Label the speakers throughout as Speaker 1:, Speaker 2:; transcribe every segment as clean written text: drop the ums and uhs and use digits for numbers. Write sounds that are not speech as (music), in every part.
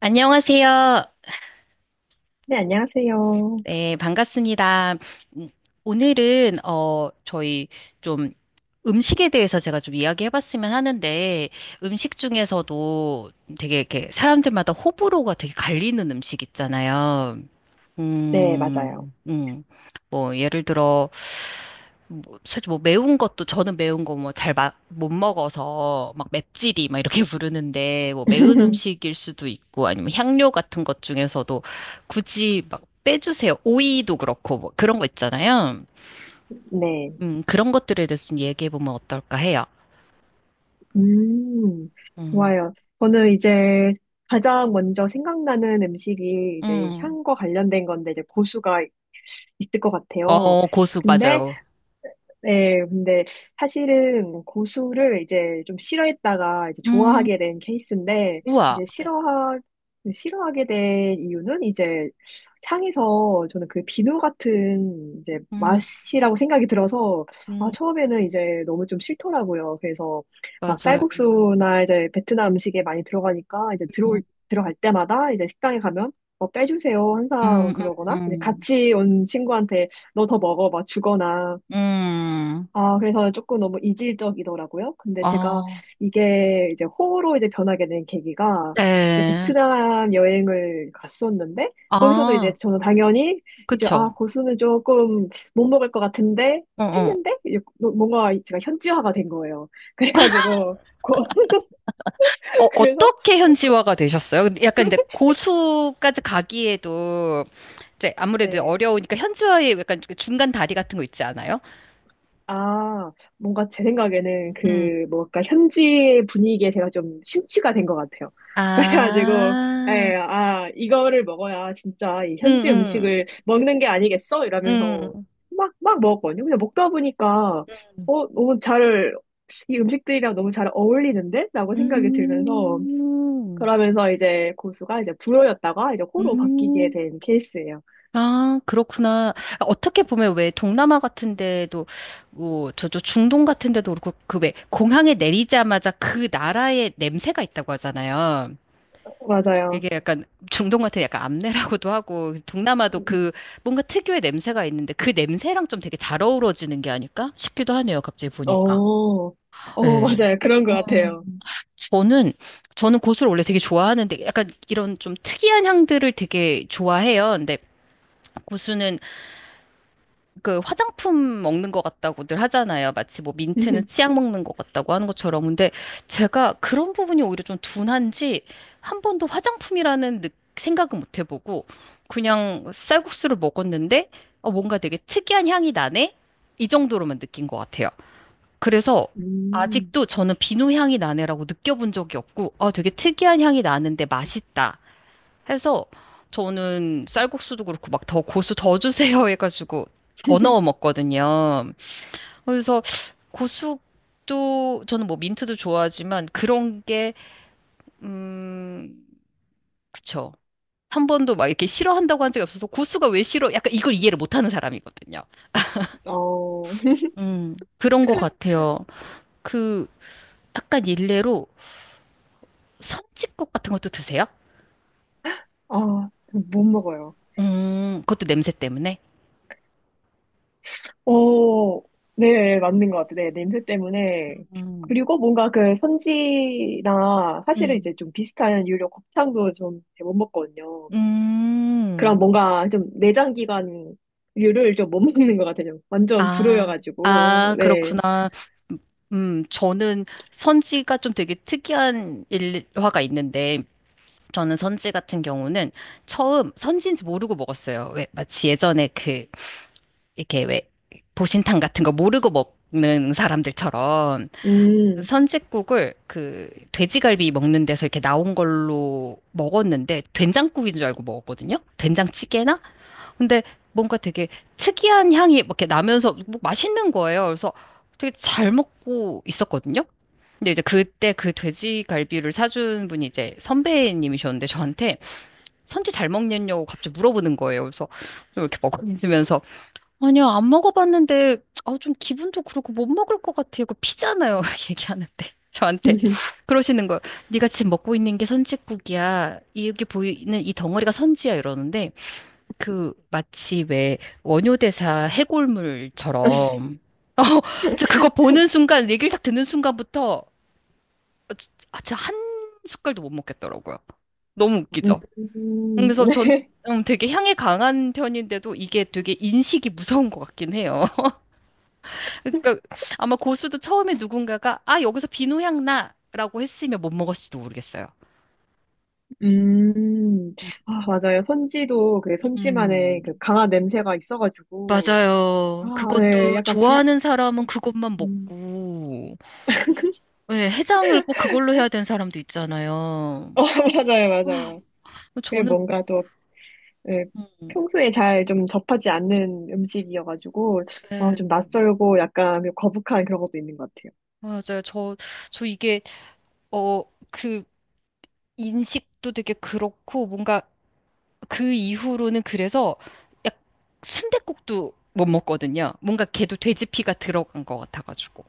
Speaker 1: 안녕하세요.
Speaker 2: 네, 안녕하세요.
Speaker 1: 네, 반갑습니다. 음, 오늘은, 저희 좀 음식에 대해서 제가 좀 이야기해 봤으면 하는데, 음식 중에서도 되게 이렇게 사람들마다 호불호가 되게 갈리는 음식 있잖아요.
Speaker 2: 네, 맞아요.
Speaker 1: 음, 음. 뭐, 예를 들어, 뭐, 사실 뭐 매운 것도, 저는 매운 거 뭐 잘 못 먹어서 막 맵찔이 막 이렇게 (laughs) 부르는데, 뭐 매운 음식일 수도 있고, 아니면 향료 같은 것 중에서도 굳이 막 빼주세요. 오이도 그렇고, 뭐 그런 거 있잖아요.
Speaker 2: 네.
Speaker 1: 그런 것들에 대해서 좀 얘기해보면 어떨까 해요.
Speaker 2: 음,
Speaker 1: 음,
Speaker 2: 좋아요. 저는 이제 가장 먼저 생각나는 음식이 이제
Speaker 1: 음.
Speaker 2: 향과 관련된 건데 이제 고수가 있을 것 같아요.
Speaker 1: 어, 고수,
Speaker 2: 근데
Speaker 1: 맞아요.
Speaker 2: 네, 근데 사실은 고수를 이제 좀 싫어했다가 이제
Speaker 1: 음,
Speaker 2: 좋아하게 된 케이스인데,
Speaker 1: 우와.
Speaker 2: 이제 싫어하게 된 이유는 이제 향에서 저는 그 비누 같은 이제
Speaker 1: 음,
Speaker 2: 맛이라고 생각이 들어서, 아,
Speaker 1: 음,
Speaker 2: 처음에는 이제 너무 좀 싫더라고요. 그래서 막
Speaker 1: 맞아요.
Speaker 2: 쌀국수나 이제 베트남 음식에 많이 들어가니까 이제
Speaker 1: 음,
Speaker 2: 들어갈 때마다 이제 식당에 가면 뭐 빼주세요.
Speaker 1: 음,
Speaker 2: 항상 그러거나, 이제
Speaker 1: 음.
Speaker 2: 같이 온 친구한테 너 더 먹어. 막 주거나,
Speaker 1: 음,
Speaker 2: 아, 그래서 조금 너무 이질적이더라고요. 근데 제가
Speaker 1: 아,
Speaker 2: 이게 이제 호로 이제 변하게 된 계기가 이제
Speaker 1: 네.
Speaker 2: 베트남 여행을 갔었는데 거기서도 이제
Speaker 1: 아,
Speaker 2: 저는 당연히 이제 아,
Speaker 1: 그쵸.
Speaker 2: 고수는 조금 못 먹을 것 같은데
Speaker 1: 어, 어.
Speaker 2: 했는데 이제 뭐, 뭔가 제가 현지화가 된 거예요. (laughs) 그래가지고
Speaker 1: 어,
Speaker 2: (laughs) 그래서
Speaker 1: 어떻게
Speaker 2: 어,
Speaker 1: 현지화가 되셨어요? 근데 약간 이제 고수까지 가기에도 이제 아무래도
Speaker 2: 네.
Speaker 1: 어려우니까 현지화에 약간 중간 다리 같은 거 있지 않아요?
Speaker 2: 아, 뭔가 제 생각에는
Speaker 1: 음,
Speaker 2: 그, 뭔가 현지 분위기에 제가 좀 심취가 된 것 같아요. (laughs) 그래가지고,
Speaker 1: 아,
Speaker 2: 예, 아, 이거를 먹어야 진짜 이
Speaker 1: 음,
Speaker 2: 현지
Speaker 1: 음,
Speaker 2: 음식을 먹는 게 아니겠어?
Speaker 1: 음.
Speaker 2: 이러면서 막, 막 먹었거든요. 그냥 먹다 보니까, 어, 너무 잘, 이 음식들이랑 너무 잘 어울리는데? 라고 생각이 들면서,
Speaker 1: 음,
Speaker 2: 그러면서 이제 고수가 이제 불호였다가 이제 호로 바뀌게
Speaker 1: 음.
Speaker 2: 된 케이스예요.
Speaker 1: 아, 그렇구나. 아, 어떻게 보면 왜 동남아 같은 데도, 뭐, 저저 중동 같은 데도 그렇고, 그 왜 공항에 내리자마자 그 나라의 냄새가 있다고 하잖아요.
Speaker 2: 맞아요.
Speaker 1: 이게 약간 중동 같은 약간 암내라고도 하고, 동남아도 그 뭔가 특유의 냄새가 있는데 그 냄새랑 좀 되게 잘 어우러지는 게 아닐까 싶기도 하네요. 갑자기
Speaker 2: 어,
Speaker 1: 보니까.
Speaker 2: 어,
Speaker 1: 예.
Speaker 2: (laughs) 맞아요. 그런 것 같아요.
Speaker 1: 음, 저는, 저는 고수를 원래 되게 좋아하는데 약간 이런 좀 특이한 향들을 되게 좋아해요. 근데 고수는 그 화장품 먹는 것 같다고들 하잖아요. 마치 뭐 민트는
Speaker 2: (laughs)
Speaker 1: 치약 먹는 것 같다고 하는 것처럼. 근데 제가 그런 부분이 오히려 좀 둔한지 한 번도 생각은 못 해보고 그냥 쌀국수를 먹었는데 어, 뭔가 되게 특이한 향이 나네? 이 정도로만 느낀 것 같아요. 그래서
Speaker 2: 음.
Speaker 1: 아직도 저는 비누 향이 나네라고 느껴본 적이 없고 아 되게 특이한 향이 나는데 맛있다. 해서 저는 쌀국수도 그렇고 막 더 고수 더 주세요 (laughs) 해가지고 더 넣어
Speaker 2: (laughs)
Speaker 1: 먹거든요. 그래서 고수도 저는 뭐 민트도 좋아하지만 그런 게 음, 그쵸. 3번도 막 이렇게 싫어한다고 한 적이 없어서 고수가 왜 싫어? 약간 이걸 이해를 못하는 사람이거든요.
Speaker 2: 어,
Speaker 1: 그런 것 같아요. 그 약간 일례로 선짓국 같은 것도 드세요?
Speaker 2: 아, 못 먹어요.
Speaker 1: 그것도 냄새 때문에.
Speaker 2: 어, 네, 맞는 것 같아요. 네, 냄새 때문에.
Speaker 1: 음.
Speaker 2: 그리고 뭔가 그 선지나 사실은
Speaker 1: 음.
Speaker 2: 이제 좀 비슷한 유료 곱창도 좀 못 먹거든요. 그런
Speaker 1: 음.
Speaker 2: 뭔가 좀 내장기관류를 좀 못 (laughs) 먹는 것 같아요. 완전
Speaker 1: 아,
Speaker 2: 불호여가지고.
Speaker 1: 아,
Speaker 2: 네.
Speaker 1: 그렇구나. 저는 선지가 좀 되게 특이한 일화가 있는데, 저는 선지 같은 경우는 처음 선지인지 모르고 먹었어요. 왜, 마치 예전에 그, 이렇게 왜, 보신탕 같은 거 모르고 먹는 사람들처럼
Speaker 2: 음.
Speaker 1: 선지국을 그 돼지갈비 먹는 데서 이렇게 나온 걸로 먹었는데 된장국인 줄 알고 먹었거든요. 된장찌개나 근데 뭔가 되게 특이한 향이 막 이렇게 나면서 뭐 맛있는 거예요. 그래서 되게 잘 먹고 있었거든요. 근데 이제 그때 그 돼지갈비를 사준 분이 이제 선배님이셨는데 저한테 선지 잘 먹냐고 갑자기 물어보는 거예요. 그래서 좀 이렇게 먹고 있으면서 아니요, 안 먹어봤는데 아, 좀 기분도 그렇고 못 먹을 것 같아요. 거 피잖아요. (laughs) 얘기하는데 저한테
Speaker 2: (laughs)
Speaker 1: 그러시는 거예요. 네가 지금 먹고 있는 게 선지국이야. 이게 보이는 이 덩어리가 선지야 이러는데 그 마치 왜 원효대사 해골물처럼 (laughs) 어, 저 그거 보는 순간 얘기를 딱 듣는 순간부터 아, 진짜 한 숟갈도 못 먹겠더라고요. 너무
Speaker 2: 음,
Speaker 1: 웃기죠. 그래서 전
Speaker 2: 네.
Speaker 1: 되게 향이 강한 편인데도 이게 되게 인식이 무서운 것 같긴 해요. (laughs) 그러니까 아마 고수도 처음에 누군가가 아, 여기서 비누향 나라고 했으면 못 먹었을지도 모르겠어요.
Speaker 2: 음, 아, 맞아요. 선지도 그 선지만의 그
Speaker 1: 음.
Speaker 2: 강한 냄새가 있어가지고, 아,
Speaker 1: 맞아요.
Speaker 2: 네,
Speaker 1: 그것도 좋아하는
Speaker 2: 어,
Speaker 1: 사람은 그것만
Speaker 2: 음,
Speaker 1: 먹고. 네, 해장을 꼭 그걸로
Speaker 2: 네?
Speaker 1: 해야 되는 사람도 있잖아요.
Speaker 2: 어, (laughs) 맞아요, 맞아요. 그게
Speaker 1: 저는
Speaker 2: 뭔가 또, 네,
Speaker 1: 음,
Speaker 2: 평소에 잘 좀 접하지 않는 음식이어가지고, 어,
Speaker 1: 네,
Speaker 2: 좀 낯설고 약간 좀 거북한 그런 것도 있는 것 같아요.
Speaker 1: 맞아요. 저 어, 그 인식도 되게 그렇고, 뭔가 그 이후로는 그래서 약 순댓국도 못 먹거든요. 뭔가 걔도 돼지피가 들어간 것 같아가지고.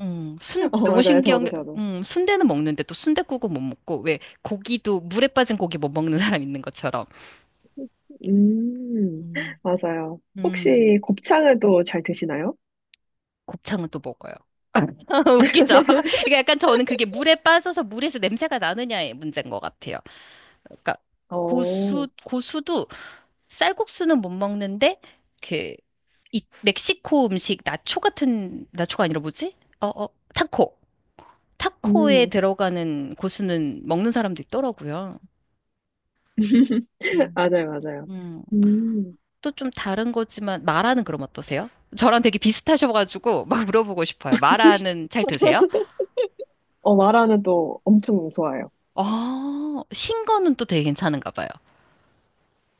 Speaker 1: 순,
Speaker 2: (laughs) 어,
Speaker 1: 너무
Speaker 2: 맞아요.
Speaker 1: 신기한
Speaker 2: 저도,
Speaker 1: 게,
Speaker 2: 저도.
Speaker 1: 순대는 먹는데 또순댓국은못 먹고, 왜 고기도 물에 빠진 고기 못 먹는 사람 있는 것처럼.
Speaker 2: 음,
Speaker 1: 음.
Speaker 2: 맞아요.
Speaker 1: 음.
Speaker 2: 혹시 곱창은 또 잘 드시나요?
Speaker 1: 곱창은 또 먹어요. (laughs) 웃기죠? (laughs)
Speaker 2: (laughs)
Speaker 1: 그러니까 약간 저는 그게 물에 빠져서 물에서 냄새가 나느냐의 문제인 것 같아요. 그러니까
Speaker 2: 어,
Speaker 1: 고수도 쌀국수는 못 먹는데 그 이 멕시코 음식 나초 같은 나초가 아니라 뭐지? 어, 어, 타코. 타코에
Speaker 2: 음,
Speaker 1: 들어가는 고수는 먹는 사람도 있더라고요. 음.
Speaker 2: 맞아요, 맞아요.
Speaker 1: 음,
Speaker 2: 음.
Speaker 1: 또 좀 다른 거지만 마라는 그럼 어떠세요? 저랑 되게 비슷하셔가지고 막 물어보고 싶어요. 마라는 잘 드세요?
Speaker 2: (laughs) 어, 마라는 또 엄청 좋아해요.
Speaker 1: 아, 신거는 또 되게 괜찮은가 봐요.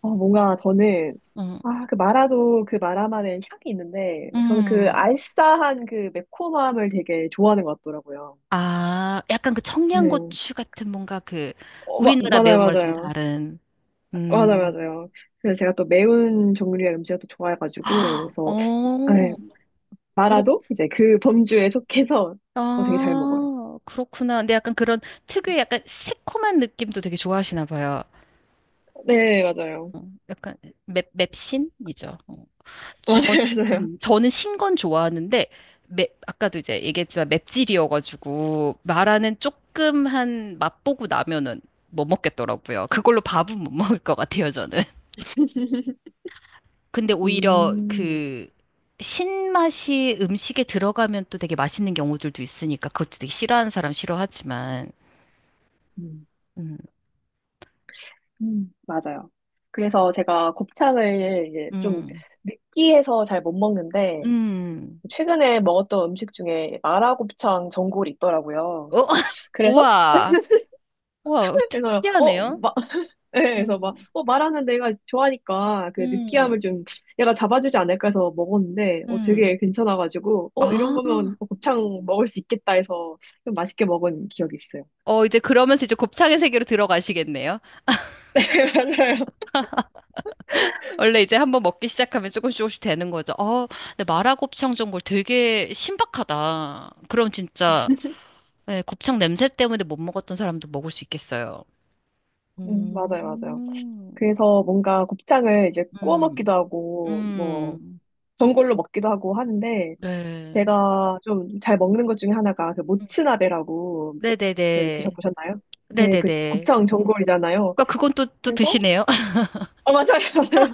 Speaker 2: 어, 뭔가 저는,
Speaker 1: 음,
Speaker 2: 아, 그 마라도 그 마라만의 향이 있는데, 저는 그
Speaker 1: 음.
Speaker 2: 알싸한 그 매콤함을 되게 좋아하는 것 같더라고요.
Speaker 1: 아, 약간 그
Speaker 2: 네.
Speaker 1: 청양고추 같은 뭔가 그
Speaker 2: 어, 마,
Speaker 1: 우리나라
Speaker 2: 맞아요,
Speaker 1: 매운 거랑 좀
Speaker 2: 맞아요.
Speaker 1: 다른.
Speaker 2: 맞아요,
Speaker 1: 음.
Speaker 2: 맞아요. 그래서 제가 또 매운 종류의 음식을 또
Speaker 1: (gasps)
Speaker 2: 좋아해가지고,
Speaker 1: 아,
Speaker 2: 그래서, 네,
Speaker 1: 어, 그렇,
Speaker 2: 마라도 이제 그 범주에 속해서 어, 되게 잘 먹어요.
Speaker 1: 아, 그렇구나. 근데 약간 그런 특유의 약간 새콤한 느낌도 되게 좋아하시나 봐요.
Speaker 2: 네, 맞아요.
Speaker 1: 어, 약간 맵, 맵신이죠. 어.
Speaker 2: (laughs)
Speaker 1: 저,
Speaker 2: 맞아요, 맞아요.
Speaker 1: 저는 신건 좋아하는데 맵, 아까도 이제 얘기했지만 맵찔이어가지고 마라는 조금 한 맛보고 나면은 못 먹겠더라고요. 그걸로 밥은 못 먹을 것 같아요, 저는. 근데 오히려
Speaker 2: 음,
Speaker 1: 그 신맛이 음식에 들어가면 또 되게 맛있는 경우들도 있으니까 그것도 되게 싫어하는 사람 싫어하지만
Speaker 2: 음.
Speaker 1: 음,
Speaker 2: 맞아요. 그래서 제가 곱창을 이제 좀
Speaker 1: 음,
Speaker 2: 느끼해서 잘 못 먹는데,
Speaker 1: 음.
Speaker 2: 최근에 먹었던 음식 중에 마라곱창 전골이 있더라고요.
Speaker 1: 어? (laughs)
Speaker 2: 그래서?
Speaker 1: 우와,
Speaker 2: (laughs)
Speaker 1: 우와, 특-
Speaker 2: 그래서,
Speaker 1: 특이하네요.
Speaker 2: (laughs) 네, 그래서 막,
Speaker 1: 음,
Speaker 2: 어, 마라는 내가 좋아하니까 그
Speaker 1: 음,
Speaker 2: 느끼함을 좀 얘가 잡아주지 않을까 해서 먹었는데, 어,
Speaker 1: 음.
Speaker 2: 되게 괜찮아가지고, 어, 이런
Speaker 1: 아.
Speaker 2: 거면 어, 곱창 먹을 수 있겠다 해서 좀 맛있게 먹은 기억이 있어요.
Speaker 1: 어, 이제 그러면서 이제 곱창의 세계로 들어가시겠네요.
Speaker 2: (laughs) 맞아요.
Speaker 1: 원래 이제 한번 먹기 시작하면 조금씩 조금씩 되는 거죠. 어, 근데 마라곱창 전골 되게 신박하다. 그럼 진짜 예, 곱창 냄새 때문에 못 먹었던 사람도 먹을 수 있겠어요. 음,
Speaker 2: 맞아요, 맞아요. 그래서 뭔가 곱창을 이제 구워 먹기도
Speaker 1: 음,
Speaker 2: 하고, 뭐,
Speaker 1: 음,
Speaker 2: 전골로 먹기도 하고 하는데,
Speaker 1: 네.
Speaker 2: 제가 좀 잘 먹는 것 중에 하나가 그
Speaker 1: 음.
Speaker 2: 모츠나베라고 그
Speaker 1: 네네네.
Speaker 2: 드셔보셨나요? 네, 그
Speaker 1: 네네네.
Speaker 2: 곱창 전골이잖아요.
Speaker 1: 그러니까 그건 또, 또
Speaker 2: 그래서,
Speaker 1: 드시네요. (laughs)
Speaker 2: 어, 맞아요, (laughs) 맞아요.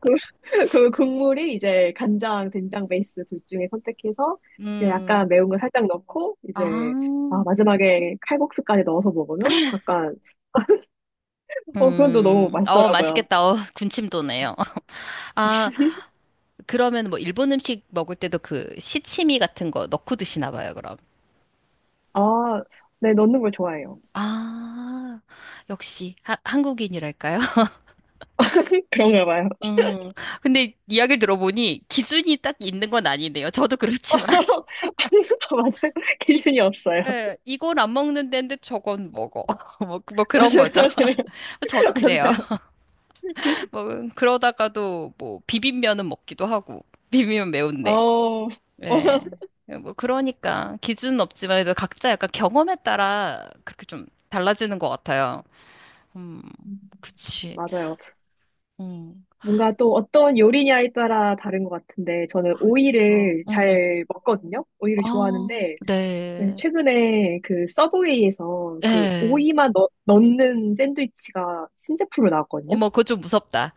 Speaker 2: 그 국물이 이제 간장, 된장 베이스 둘 중에 선택해서, 이제
Speaker 1: 음,
Speaker 2: 약간 매운 걸 살짝 넣고, 이제,
Speaker 1: 아,
Speaker 2: 아, 마지막에 칼국수까지 넣어서 먹으면 약간, 어, 그건 또 너무
Speaker 1: 어,
Speaker 2: 맛있더라고요.
Speaker 1: 맛있겠다. 어, 군침 도네요.
Speaker 2: 음.
Speaker 1: (laughs) 아, 그러면 뭐 일본 음식 먹을 때도 그 시치미 같은 거 넣고 드시나 봐요, 그럼.
Speaker 2: 아, 네, 넣는 걸 좋아해요.
Speaker 1: 아, 역시 한국인이랄까요? (laughs)
Speaker 2: (laughs) 그런가 봐요.
Speaker 1: 음, 근데 이야기를 들어보니 기준이 딱 있는 건 아니네요. 저도
Speaker 2: (laughs) 아,
Speaker 1: 그렇지만. (laughs)
Speaker 2: 맞아요.
Speaker 1: 이,
Speaker 2: 기준이 없어요. (laughs)
Speaker 1: 예, 이건 안 먹는 데인데 저건 먹어. (laughs) 뭐, 뭐 그런
Speaker 2: 맞아요,
Speaker 1: 거죠.
Speaker 2: 맞아요.
Speaker 1: (laughs) 저도
Speaker 2: (laughs)
Speaker 1: 그래요.
Speaker 2: 맞아요.
Speaker 1: (laughs) 뭐, 그러다가도 뭐 비빔면은 먹기도 하고. 비빔면 매운데.
Speaker 2: 어, 어,
Speaker 1: 예. 뭐 그러니까 기준은 없지만 그래도 각자 약간 경험에 따라 그렇게 좀 달라지는 것 같아요. 음,
Speaker 2: 음,
Speaker 1: 그치.
Speaker 2: 맞아요.
Speaker 1: 음,
Speaker 2: 뭔가 또 어떤 요리냐에 따라 다른 것 같은데, 저는
Speaker 1: 그쵸.
Speaker 2: 오이를 잘 먹거든요? 오이를
Speaker 1: 아,
Speaker 2: 좋아하는데, 네,
Speaker 1: 네.
Speaker 2: 최근에 그 서브웨이에서 그
Speaker 1: 예.
Speaker 2: 오이만 넣는 샌드위치가 신제품으로 나왔거든요?
Speaker 1: 어머, 그거 좀 무섭다.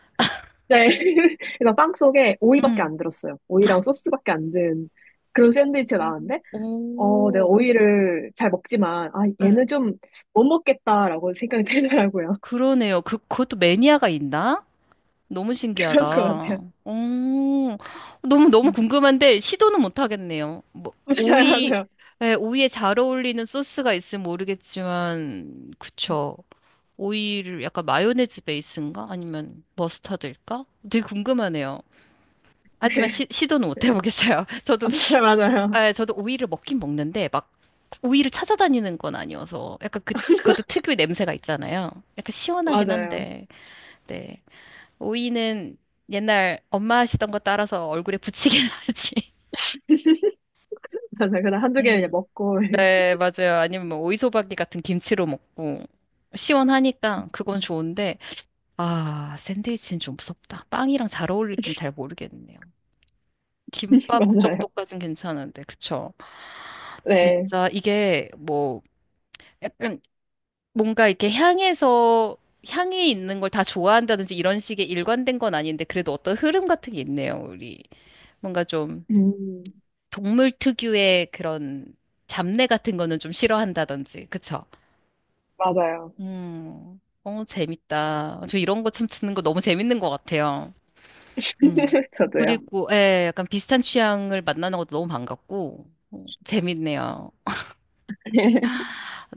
Speaker 2: 네. (laughs) 그래서 빵 속에 오이밖에
Speaker 1: 음.
Speaker 2: 안 들었어요. 오이랑 소스밖에 안 든 그런 샌드위치가
Speaker 1: 음.
Speaker 2: 나왔는데, 어, 내가
Speaker 1: 오,
Speaker 2: 오이를 잘 먹지만, 아,
Speaker 1: 예,
Speaker 2: 얘는 좀 못 먹겠다라고 생각이 들더라고요.
Speaker 1: 그러네요. 그것도 매니아가 있나? 너무
Speaker 2: (laughs) 그런 것
Speaker 1: 신기하다.
Speaker 2: 같아요.
Speaker 1: 어, 너무
Speaker 2: 음.
Speaker 1: 궁금한데, 시도는 못 하겠네요. 뭐,
Speaker 2: (laughs) 맞아요,
Speaker 1: 오이,
Speaker 2: 맞아요.
Speaker 1: 예, 오이에 잘 어울리는 소스가 있으면 모르겠지만, 그쵸. 오이를 약간 마요네즈 베이스인가? 아니면 머스타드일까? 되게 궁금하네요. 하지만
Speaker 2: 네.
Speaker 1: 시도는 못 해보겠어요. (laughs) 저도,
Speaker 2: (laughs) 맞아요, 맞아요.
Speaker 1: 예, 저도 오이를 먹긴 먹는데, 막, 오이를 찾아다니는 건 아니어서, 약간 그, 그것도 특유의 냄새가 있잖아요. 약간 시원하긴
Speaker 2: 맞아요.
Speaker 1: 한데, 네. 오이는 옛날 엄마 하시던 거 따라서 얼굴에 붙이긴 (laughs) 하지.
Speaker 2: 맞아요. 그냥 한두 개
Speaker 1: 음.
Speaker 2: 먹고,
Speaker 1: 네, 맞아요. 아니면 뭐 오이소박이 같은 김치로 먹고 시원하니까 그건 좋은데 아, 샌드위치는 좀 무섭다. 빵이랑 잘 어울릴진 잘 모르겠네요.
Speaker 2: (laughs)
Speaker 1: 김밥
Speaker 2: 맞아요.
Speaker 1: 정도까진 괜찮은데, 그쵸?
Speaker 2: 네.
Speaker 1: 진짜 이게 뭐 약간 뭔가 이렇게 향해서 향이 있는 걸 다 좋아한다든지 이런 식의 일관된 건 아닌데 그래도 어떤 흐름 같은 게 있네요, 우리. 뭔가 좀
Speaker 2: 음,
Speaker 1: 동물 특유의 그런 잡내 같은 거는 좀 싫어한다든지, 그쵸?
Speaker 2: 맞아요.
Speaker 1: 어, 재밌다. 저 이런 거 참 듣는 거 너무 재밌는 것 같아요. 음.
Speaker 2: (laughs) 저도요.
Speaker 1: 그리고, 예, 약간 비슷한 취향을 만나는 것도 너무 반갑고, 어, 재밌네요.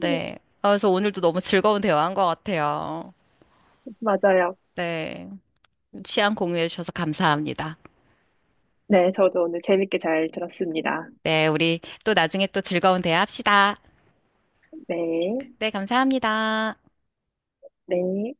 Speaker 1: 네. 아, 그래서 오늘도 너무 즐거운 대화한 것 같아요.
Speaker 2: 맞아요.
Speaker 1: 네. 취향 공유해 주셔서 감사합니다.
Speaker 2: 네, 저도 오늘 재밌게 잘 들었습니다.
Speaker 1: 네, 우리 또 나중에 또 즐거운 대화 합시다.
Speaker 2: 네,
Speaker 1: 네, 감사합니다.
Speaker 2: 네.